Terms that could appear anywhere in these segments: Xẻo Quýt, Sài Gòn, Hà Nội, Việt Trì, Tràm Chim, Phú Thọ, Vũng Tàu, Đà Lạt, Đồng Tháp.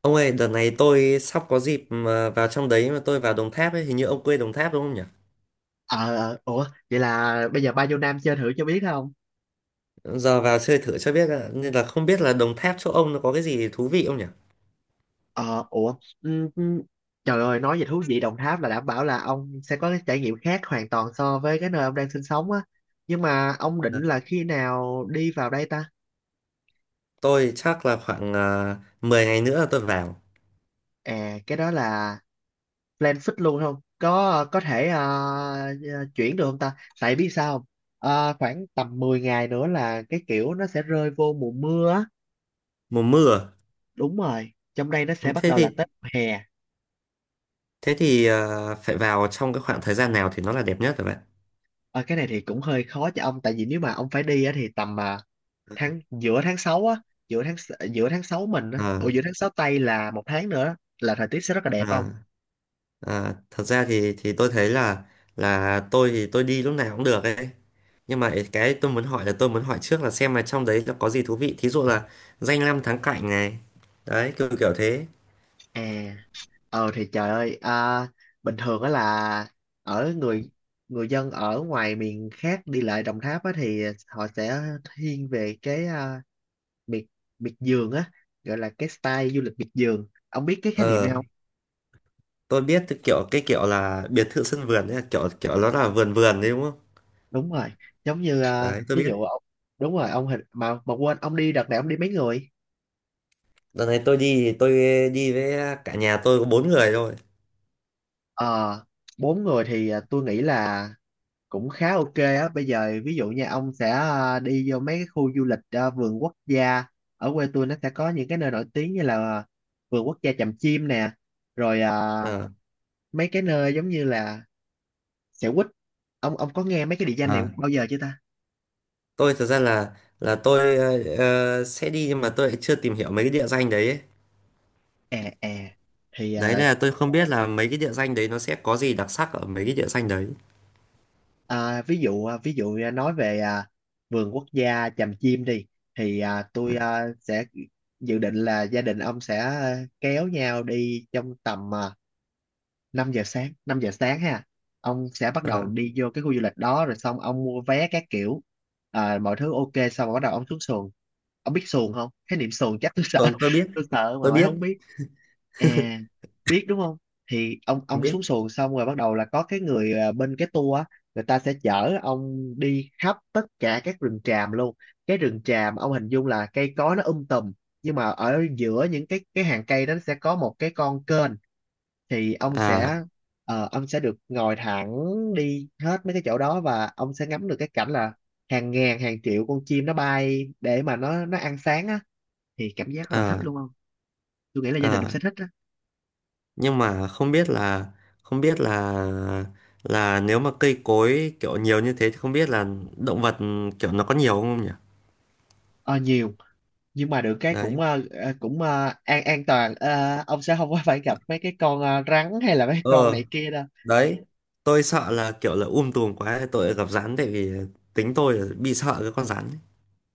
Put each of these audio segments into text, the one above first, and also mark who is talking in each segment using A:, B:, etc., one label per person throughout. A: Ông ơi, đợt này tôi sắp có dịp mà vào trong đấy, mà tôi vào Đồng Tháp ấy. Hình như ông quê Đồng Tháp đúng không nhỉ?
B: Ờ, ờ, ủa, vậy là bây giờ ba nhiêu nam chơi thử cho biết không?
A: Giờ vào chơi thử cho biết ạ, nên là không biết là Đồng Tháp chỗ ông nó có cái gì thú vị không nhỉ?
B: Ờ, ủa, ừm, ừm, trời ơi, nói về thú vị Đồng Tháp là đảm bảo là ông sẽ có cái trải nghiệm khác hoàn toàn so với cái nơi ông đang sinh sống á. Nhưng mà ông định
A: Ờ,
B: là khi nào đi vào đây ta?
A: tôi chắc là khoảng 10 ngày nữa là tôi vào,
B: À, cái đó là plan fix luôn không? Có thể chuyển được không ta? Tại biết sao không? Khoảng tầm 10 ngày nữa là cái kiểu nó sẽ rơi vô mùa mưa á.
A: mùa mưa.
B: Đúng rồi, trong đây nó sẽ
A: Ừ,
B: bắt
A: thế
B: đầu
A: thì
B: là Tết hè.
A: phải vào trong cái khoảng thời gian nào thì nó là đẹp nhất rồi bạn?
B: Ờ, cái này thì cũng hơi khó cho ông tại vì nếu mà ông phải đi á, thì tầm tháng giữa tháng 6 mình á, ủa,
A: À,
B: giữa tháng 6 Tây là một tháng nữa á, là thời tiết sẽ rất là đẹp
A: à,
B: không.
A: Thật ra thì tôi thấy là tôi thì tôi đi lúc nào cũng được ấy, nhưng mà cái tôi muốn hỏi là tôi muốn hỏi trước là xem là trong đấy nó có gì thú vị, thí dụ là danh lam thắng cảnh này, đấy, kiểu kiểu thế.
B: À ờ thì Trời ơi, bình thường á là ở người người dân ở ngoài miền khác đi lại Đồng Tháp á thì họ sẽ thiên về cái miệt miệt vườn á, gọi là cái style du lịch miệt vườn. Ông biết cái khái niệm
A: Ờ,
B: này không?
A: tôi biết, cái kiểu là biệt thự sân vườn ấy, kiểu kiểu nó là vườn vườn đấy đúng không?
B: Đúng rồi, giống như
A: Đấy tôi
B: ví
A: biết.
B: dụ ông, đúng rồi, ông hình mà quên, ông đi đợt này ông đi mấy người?
A: Đợt này tôi đi, đi với cả nhà, tôi có 4 người thôi.
B: Ờ, bốn người thì tôi nghĩ là cũng khá ok á. Bây giờ ví dụ nha, ông sẽ đi vô mấy cái khu du lịch, vườn quốc gia. Ở quê tôi nó sẽ có những cái nơi nổi tiếng như là vườn quốc gia Tràm Chim nè, rồi
A: Ờ,
B: mấy cái nơi giống như là Xẻo Quýt. Ông có nghe mấy cái địa danh này
A: à,
B: bao giờ chưa ta?
A: tôi thật ra là tôi sẽ đi, nhưng mà tôi lại chưa tìm hiểu mấy cái địa danh đấy ấy.
B: à à thì
A: Đấy
B: à,
A: là tôi không biết là mấy cái địa danh đấy nó sẽ có gì đặc sắc ở mấy cái địa danh đấy.
B: À, ví dụ ví dụ nói về vườn quốc gia Tràm Chim đi, thì tôi sẽ dự định là gia đình ông sẽ kéo nhau đi trong tầm 5 giờ sáng ha, ông sẽ bắt
A: Ờ,
B: đầu đi vô cái khu du lịch đó, rồi xong ông mua vé các kiểu, mọi thứ ok, xong rồi bắt đầu ông xuống xuồng. Ông biết xuồng không? Cái niệm xuồng chắc tôi sợ
A: còn tôi biết,
B: tôi sợ mà
A: tôi
B: ngoại
A: biết,
B: không biết. à Biết đúng không? Thì ông
A: tôi
B: ông xuống
A: biết.
B: xuồng xong rồi bắt đầu là có cái người bên cái tour á, người ta sẽ chở ông đi khắp tất cả các rừng tràm luôn. Cái rừng tràm ông hình dung là cây cối nó tùm, nhưng mà ở giữa những cái hàng cây đó nó sẽ có một cái con kênh, thì ông
A: à
B: sẽ, ông sẽ được ngồi thẳng đi hết mấy cái chỗ đó, và ông sẽ ngắm được cái cảnh là hàng ngàn hàng triệu con chim nó bay để mà nó ăn sáng á, thì cảm giác rất là thích
A: à
B: luôn không. Tôi nghĩ là gia đình ông
A: à
B: sẽ thích á.
A: nhưng mà không biết là, không biết là là nếu mà cây cối kiểu nhiều như thế thì không biết là động vật kiểu nó có nhiều không nhỉ?
B: Ờ, nhiều, nhưng mà được cái
A: Đấy,
B: cũng cũng an toàn. Ờ, ông sẽ không có phải gặp mấy cái con rắn hay là mấy con
A: ờ,
B: này kia đâu.
A: đấy, tôi sợ là kiểu là tùm quá tôi lại gặp rắn, tại vì tính tôi là bị sợ cái con rắn ấy.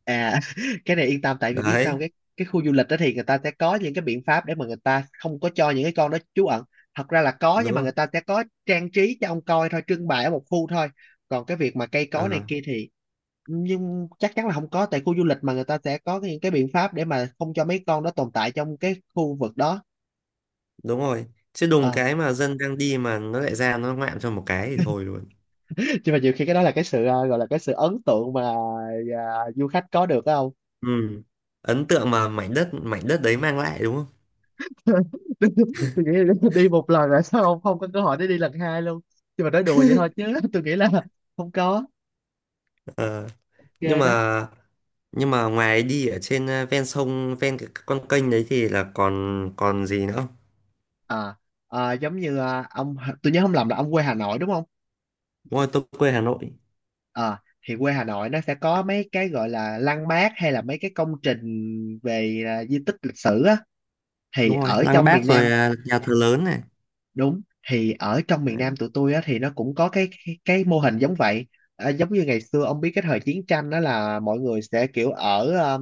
B: À, cái này yên tâm tại vì biết
A: Đấy,
B: sao, cái khu du lịch đó thì người ta sẽ có những cái biện pháp để mà người ta không có cho những cái con đó trú ẩn. Thật ra là có,
A: đúng
B: nhưng mà
A: rồi.
B: người ta sẽ có trang trí cho ông coi thôi, trưng bày ở một khu thôi. Còn cái việc mà cây cối này
A: À,
B: kia thì, nhưng chắc chắn là không có, tại khu du lịch mà người ta sẽ có những cái biện pháp để mà không cho mấy con đó tồn tại trong cái khu vực đó.
A: đúng rồi, chứ đùng
B: Ờ.
A: cái mà dân đang đi mà nó lại ra nó ngoạm cho một cái thì thôi luôn.
B: Nhưng mà nhiều khi cái đó là cái sự gọi là cái sự ấn tượng mà du khách có được phải không?
A: Ừ, ấn tượng mà mảnh đất, mảnh đất đấy mang lại đúng không.
B: tôi tôi nghĩ là đi một lần rồi sao không, không có cơ hội để đi lần hai luôn, nhưng mà nói đùa vậy thôi chứ tôi nghĩ là không có
A: Ờ, nhưng
B: ghê đó.
A: mà ngoài đi ở trên ven sông, ven cái con kênh đấy thì là còn còn gì nữa không?
B: à, Giống như ông, tôi nhớ không lầm là ông quê Hà Nội đúng không?
A: Đúng rồi, tôi quê Hà Nội.
B: à, thì quê Hà Nội nó sẽ có mấy cái gọi là lăng bác hay là mấy cái công trình về di tích lịch sử á, thì
A: Đúng rồi,
B: ở
A: Lăng
B: trong
A: Bác
B: miền
A: rồi
B: Nam,
A: nhà thờ lớn này.
B: đúng, thì ở trong miền Nam
A: Đấy,
B: tụi tôi á thì nó cũng có cái cái mô hình giống vậy. À, giống như ngày xưa ông biết cái thời chiến tranh đó là mọi người sẽ kiểu ở à,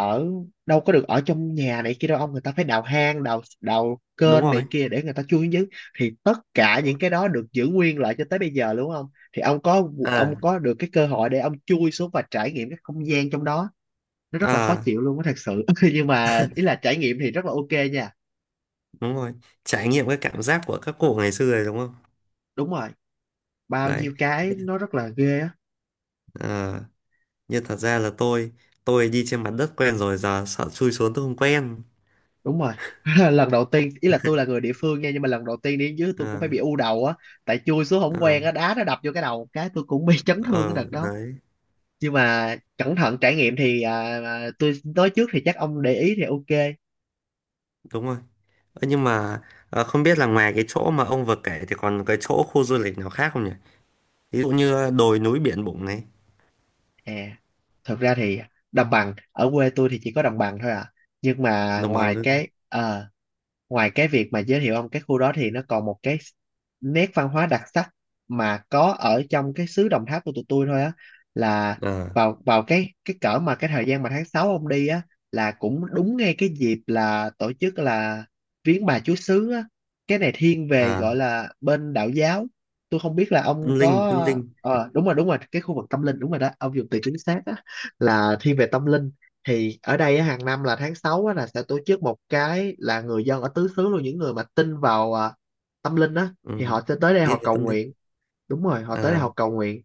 B: ở đâu có được ở trong nhà này kia đâu ông, người ta phải đào hang đào đào
A: đúng
B: kênh
A: rồi.
B: này kia để người ta chui xuống dưới, thì tất cả
A: Đúng rồi.
B: những cái đó được giữ nguyên lại cho tới bây giờ đúng không. Thì ông có, ông
A: à
B: có được cái cơ hội để ông chui xuống và trải nghiệm cái không gian trong đó, nó rất là khó
A: à
B: chịu luôn á thật sự, nhưng mà ý là trải nghiệm thì rất là ok nha.
A: Đúng rồi. Trải nghiệm cái cảm giác của các cụ ngày xưa rồi đúng không?
B: Đúng rồi, bao
A: Đấy,
B: nhiêu cái nó rất là ghê á.
A: ờ, nhưng thật ra là tôi, đi trên mặt đất quen rồi giờ sợ chui xuống tôi không quen.
B: Đúng rồi, lần đầu tiên ý là tôi là người địa phương nha, nhưng mà lần đầu tiên đi đến dưới tôi cũng
A: à,
B: phải bị u đầu á, tại chui xuống không
A: à,
B: quen á, đá nó đập vô cái đầu một cái tôi cũng bị chấn thương cái
A: ờ,
B: đợt đó.
A: Đấy,
B: Nhưng mà cẩn thận trải nghiệm thì tôi nói trước thì chắc ông để ý thì ok.
A: đúng rồi. Ơ, nhưng mà ờ, không biết là ngoài cái chỗ mà ông vừa kể thì còn cái chỗ khu du lịch nào khác không nhỉ? Ví dụ như đồi núi, biển bụng này,
B: à Thật ra thì đồng bằng ở quê tôi thì chỉ có đồng bằng thôi à, nhưng mà
A: đồng bằng nữa.
B: ngoài cái việc mà giới thiệu ông cái khu đó thì nó còn một cái nét văn hóa đặc sắc mà có ở trong cái xứ Đồng Tháp của tụi tôi thôi á, là
A: à,
B: vào vào cái cỡ mà cái thời gian mà tháng 6 ông đi á là cũng đúng ngay cái dịp là tổ chức là viếng bà Chúa Xứ á. Cái này thiên về gọi
A: à,
B: là bên đạo giáo, tôi không biết là ông
A: Tâm linh,
B: có,
A: tâm linh.
B: ờ, đúng rồi, đúng rồi, cái khu vực tâm linh, đúng rồi đó, ông dùng từ chính xác á, là thiên về tâm linh. Thì ở đây á, hàng năm là tháng 6 á, là sẽ tổ chức một cái là người dân ở tứ xứ luôn, những người mà tin vào tâm linh á,
A: Ừ.
B: thì họ sẽ tới đây họ
A: Tin về
B: cầu
A: tâm linh.
B: nguyện. Đúng rồi, họ tới đây
A: à,
B: họ cầu nguyện,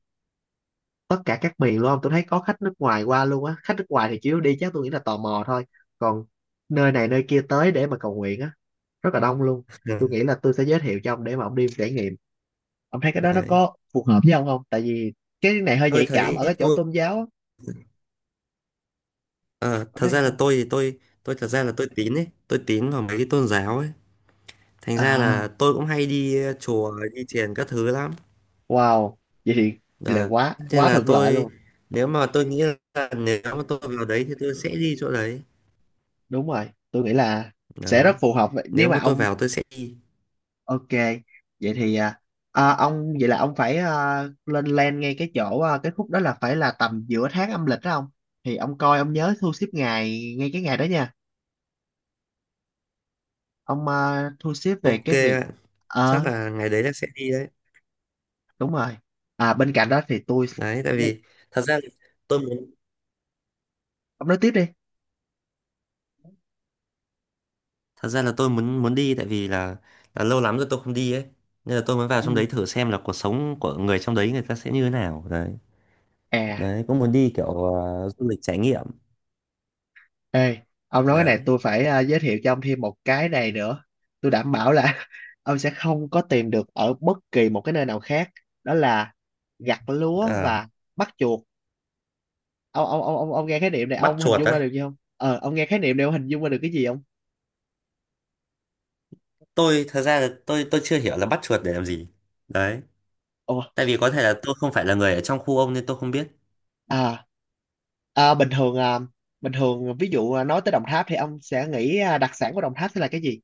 B: tất cả các miền luôn, tôi thấy có khách nước ngoài qua luôn á. Khách nước ngoài thì chủ yếu đi chắc tôi nghĩ là tò mò thôi, còn nơi này nơi kia tới để mà cầu nguyện á, rất là đông luôn. Tôi
A: ừ.
B: nghĩ là tôi sẽ giới thiệu cho ông để mà ông đi trải nghiệm, ông thấy cái đó nó
A: Đấy,
B: có phù hợp với ông không, tại vì cái này hơi
A: tôi
B: nhạy cảm
A: thấy
B: ở cái chỗ
A: tôi
B: tôn giáo á.
A: ờ,
B: Ông
A: thật
B: thấy
A: ra là
B: sao?
A: tôi thì tôi, thật ra là tôi tín ấy, tôi tín vào mấy cái tôn giáo ấy. Thành ra
B: À,
A: là tôi cũng hay đi chùa, đi thiền các thứ lắm.
B: wow, vậy thì là
A: Đấy.
B: quá
A: Nên
B: quá
A: là
B: thuận lợi
A: tôi,
B: luôn.
A: nếu mà tôi nghĩ là nếu mà tôi vào đấy thì tôi sẽ đi chỗ đấy.
B: Đúng rồi, tôi nghĩ là sẽ rất
A: Đấy.
B: phù hợp. Vậy
A: Nếu
B: nếu mà
A: mà tôi
B: ông
A: vào tôi sẽ đi.
B: ok. Vậy thì ông, vậy là ông phải lên plan ngay cái chỗ cái khúc đó là phải là tầm giữa tháng âm lịch đó ông. Thì ông coi ông nhớ thu xếp ngày ngay cái ngày đó nha. Ông thu xếp về
A: Ok
B: cái việc,
A: ạ. Chắc
B: ờ
A: là ngày đấy là sẽ đi đấy.
B: đúng rồi. À bên cạnh đó thì tôi,
A: Đấy tại vì thật ra là tôi muốn,
B: ông nói tiếp đi.
A: muốn đi tại vì là lâu lắm rồi tôi không đi ấy. Nên là tôi muốn vào trong
B: Ừ.
A: đấy thử xem là cuộc sống của người trong đấy người ta sẽ như thế nào. Đấy.
B: À.
A: Đấy cũng muốn đi kiểu du lịch trải nghiệm.
B: Ê, ông nói cái này
A: Đấy.
B: tôi phải giới thiệu cho ông thêm một cái này nữa. Tôi đảm bảo là ông sẽ không có tìm được ở bất kỳ một cái nơi nào khác. Đó là gặt lúa
A: À,
B: và bắt chuột. Ông nghe khái niệm này
A: bắt
B: ông hình
A: chuột
B: dung ra
A: á.
B: được gì không? Ờ, ông nghe khái niệm này ông hình dung ra được cái gì không?
A: Tôi thật ra là tôi, chưa hiểu là bắt chuột để làm gì. Đấy,
B: Ồ,
A: tại vì có thể là tôi không phải là người ở trong khu ông nên tôi không biết.
B: à, bình thường bình thường, ví dụ nói tới Đồng Tháp thì ông sẽ nghĩ đặc sản của Đồng Tháp sẽ là cái gì?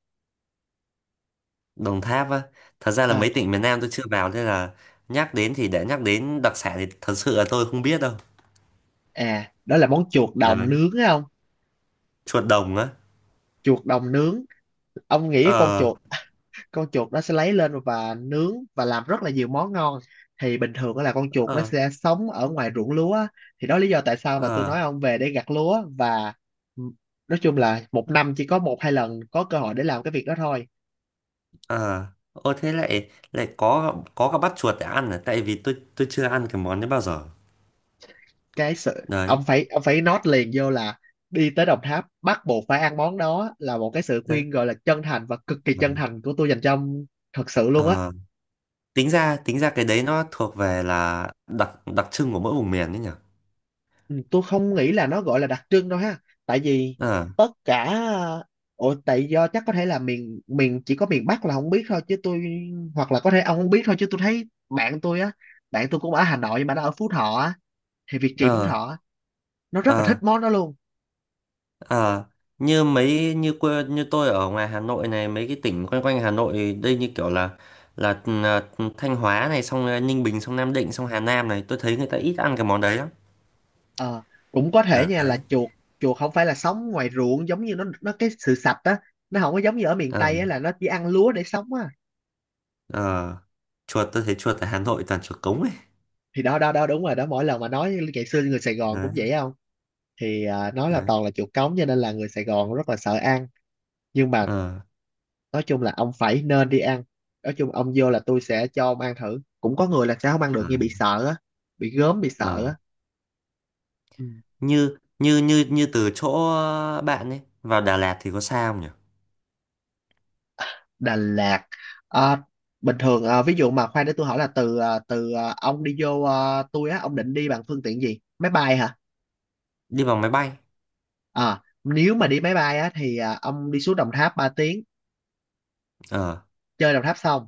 A: Đồng Tháp á, thật ra là
B: Ờ,
A: mấy tỉnh miền Nam tôi chưa vào nên là nhắc đến thì nhắc đến đặc sản thì thật sự là tôi không biết đâu.
B: đó là món chuột
A: Đấy,
B: đồng nướng không?
A: chuột đồng á.
B: Chuột đồng nướng. Ông nghĩ cái
A: Ờ,
B: con chuột nó sẽ lấy lên và nướng và làm rất là nhiều món ngon. Thì bình thường á là con chuột nó
A: ờ,
B: sẽ sống ở ngoài ruộng lúa á, thì đó là lý do tại sao mà tôi
A: ờ,
B: nói ông về để gặt lúa và, nói chung là một năm chỉ có một hai lần có cơ hội để làm cái việc đó thôi.
A: ờ, ô thế lại, lại có cả bắt chuột để ăn à, tại vì tôi, chưa ăn cái món đấy bao giờ.
B: Cái sự
A: Đấy.
B: ông phải note liền vô là đi tới Đồng Tháp bắt buộc phải ăn món đó, là một cái sự
A: Đấy.
B: khuyên gọi là chân thành và cực kỳ chân
A: Ừ.
B: thành của tôi dành cho ông, thật sự luôn á.
A: Ờ, tính ra, tính ra cái đấy nó thuộc về là đặc, đặc trưng của mỗi vùng miền đấy nhỉ.
B: Ừ, tôi không nghĩ là nó gọi là đặc trưng đâu ha, tại vì
A: Ờ,
B: tất cả, ồ tại do chắc có thể là miền miền chỉ có miền Bắc là không biết thôi chứ tôi, hoặc là có thể ông không biết thôi, chứ tôi thấy bạn tôi á, bạn tôi cũng ở Hà Nội nhưng mà nó ở Phú Thọ á, thì Việt Trì Phú
A: ờ,
B: Thọ á, nó rất là thích
A: ờ,
B: món đó luôn.
A: ờ, như mấy, như quê, như tôi ở ngoài Hà Nội này, mấy cái tỉnh quanh quanh Hà Nội đây như kiểu là là, là Thanh Hóa này, xong là Ninh Bình, xong Nam Định, xong Hà Nam này, tôi thấy người ta ít ăn cái món đấy lắm.
B: Ờ, cũng có thể nha, là
A: Đấy,
B: chuột chuột không phải là sống ngoài ruộng, giống như nó cái sự sạch á, nó không có giống như ở miền
A: ờ,
B: Tây á là nó chỉ ăn lúa để sống á.
A: ờ, chuột tôi thấy chuột ở Hà Nội toàn chuột cống ấy.
B: Thì đó đó đó đúng rồi đó, mỗi lần mà nói ngày xưa người Sài Gòn cũng
A: Đấy.
B: vậy không, thì nó là
A: Đấy.
B: toàn là chuột cống cho nên là người Sài Gòn rất là sợ ăn, nhưng mà
A: Ờ,
B: nói chung là ông phải nên đi ăn. Nói chung ông vô là tôi sẽ cho ông ăn thử, cũng có người là sẽ không ăn được như bị
A: ờ,
B: sợ á, bị gớm bị sợ
A: ờ.
B: á. Ừ.
A: Như như như như từ chỗ bạn ấy vào Đà Lạt thì có xa không nhỉ?
B: Đà Lạt, à, bình thường ví dụ mà khoan để tôi hỏi là ông đi vô tôi á, ông định đi bằng phương tiện gì, máy bay hả?
A: Đi bằng máy bay.
B: À, nếu mà đi máy bay á thì ông đi xuống Đồng Tháp 3 tiếng,
A: Ờ,
B: chơi Đồng Tháp xong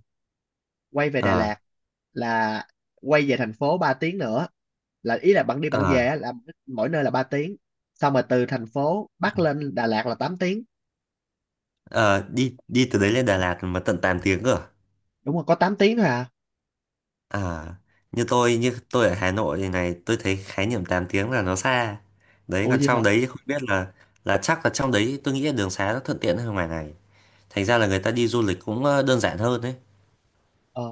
B: quay về Đà
A: ờ,
B: Lạt là, quay về thành phố 3 tiếng nữa, là ý là bạn đi bạn
A: ờ,
B: về á, là mỗi nơi là 3 tiếng. Xong rồi từ thành phố Bắc lên Đà Lạt là tám tiếng.
A: ờ, đi đi từ đấy lên Đà Lạt mà tận 8 tiếng cơ à?
B: Đúng rồi, có 8 tiếng thôi à.
A: À, như tôi, ở Hà Nội thì này, tôi thấy khái niệm 8 tiếng là nó xa. Đấy
B: Ủa,
A: còn
B: gì hả?
A: trong đấy thì không biết là chắc là trong đấy tôi nghĩ là đường xá nó thuận tiện hơn ngoài này, thành ra là người ta đi du lịch cũng đơn giản hơn đấy.
B: ờ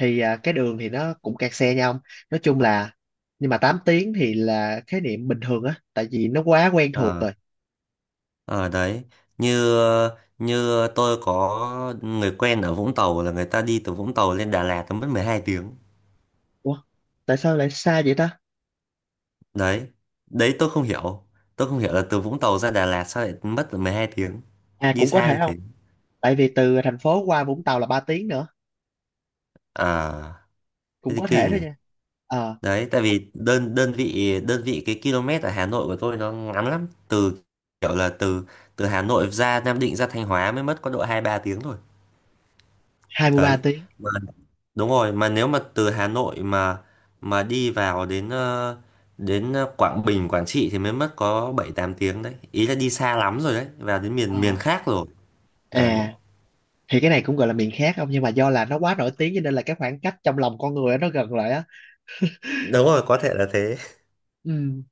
B: thì cái đường thì nó cũng kẹt xe nhau, nói chung là, nhưng mà 8 tiếng thì là khái niệm bình thường á, tại vì nó quá quen thuộc
A: Ờ,
B: rồi.
A: ờ, đấy, như như tôi có người quen ở Vũng Tàu, là người ta đi từ Vũng Tàu lên Đà Lạt nó mất 12 tiếng.
B: Ủa, tại sao lại xa vậy ta?
A: Đấy. Đấy, tôi không hiểu, tôi không hiểu là từ Vũng Tàu ra Đà Lạt sao lại mất 12 tiếng,
B: À,
A: đi
B: cũng có
A: xa
B: thể
A: như
B: không,
A: thế.
B: tại vì từ thành phố qua Vũng Tàu là 3 tiếng nữa,
A: À thế
B: cũng
A: thì
B: có thể
A: kinh
B: thôi
A: nhỉ.
B: nha. Ờ,
A: Đấy, tại vì đơn, đơn vị, đơn vị cái km ở Hà Nội của tôi nó ngắn lắm. Từ kiểu là từ từ Hà Nội ra Nam Định, ra Thanh Hóa mới mất có độ 2 3 tiếng thôi.
B: 23
A: Đấy,
B: tiếng.
A: mà đúng rồi, mà nếu mà từ Hà Nội mà đi vào đến Quảng Bình, Quảng Trị thì mới mất có 7 8 tiếng đấy, ý là đi xa lắm rồi đấy, vào đến miền,
B: ờ
A: miền khác rồi. Đấy.
B: à thì cái này cũng gọi là miền khác không, nhưng mà do là nó quá nổi tiếng cho nên là cái khoảng cách trong lòng con người á, nó gần lại á.
A: Đúng rồi, có thể là thế.
B: Ừ.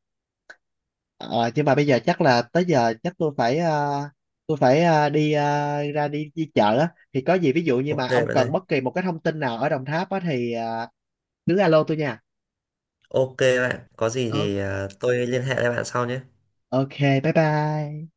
B: Ờ, nhưng mà bây giờ chắc là tới giờ chắc tôi phải đi, đi chợ á. Thì có gì ví dụ như
A: Ok
B: mà ông
A: bạn ơi.
B: cần bất kỳ một cái thông tin nào ở Đồng Tháp á thì cứ alo tôi nha.
A: Ok bạn, có gì
B: Ờ,
A: thì tôi liên hệ lại bạn sau nhé.
B: ok, bye bye.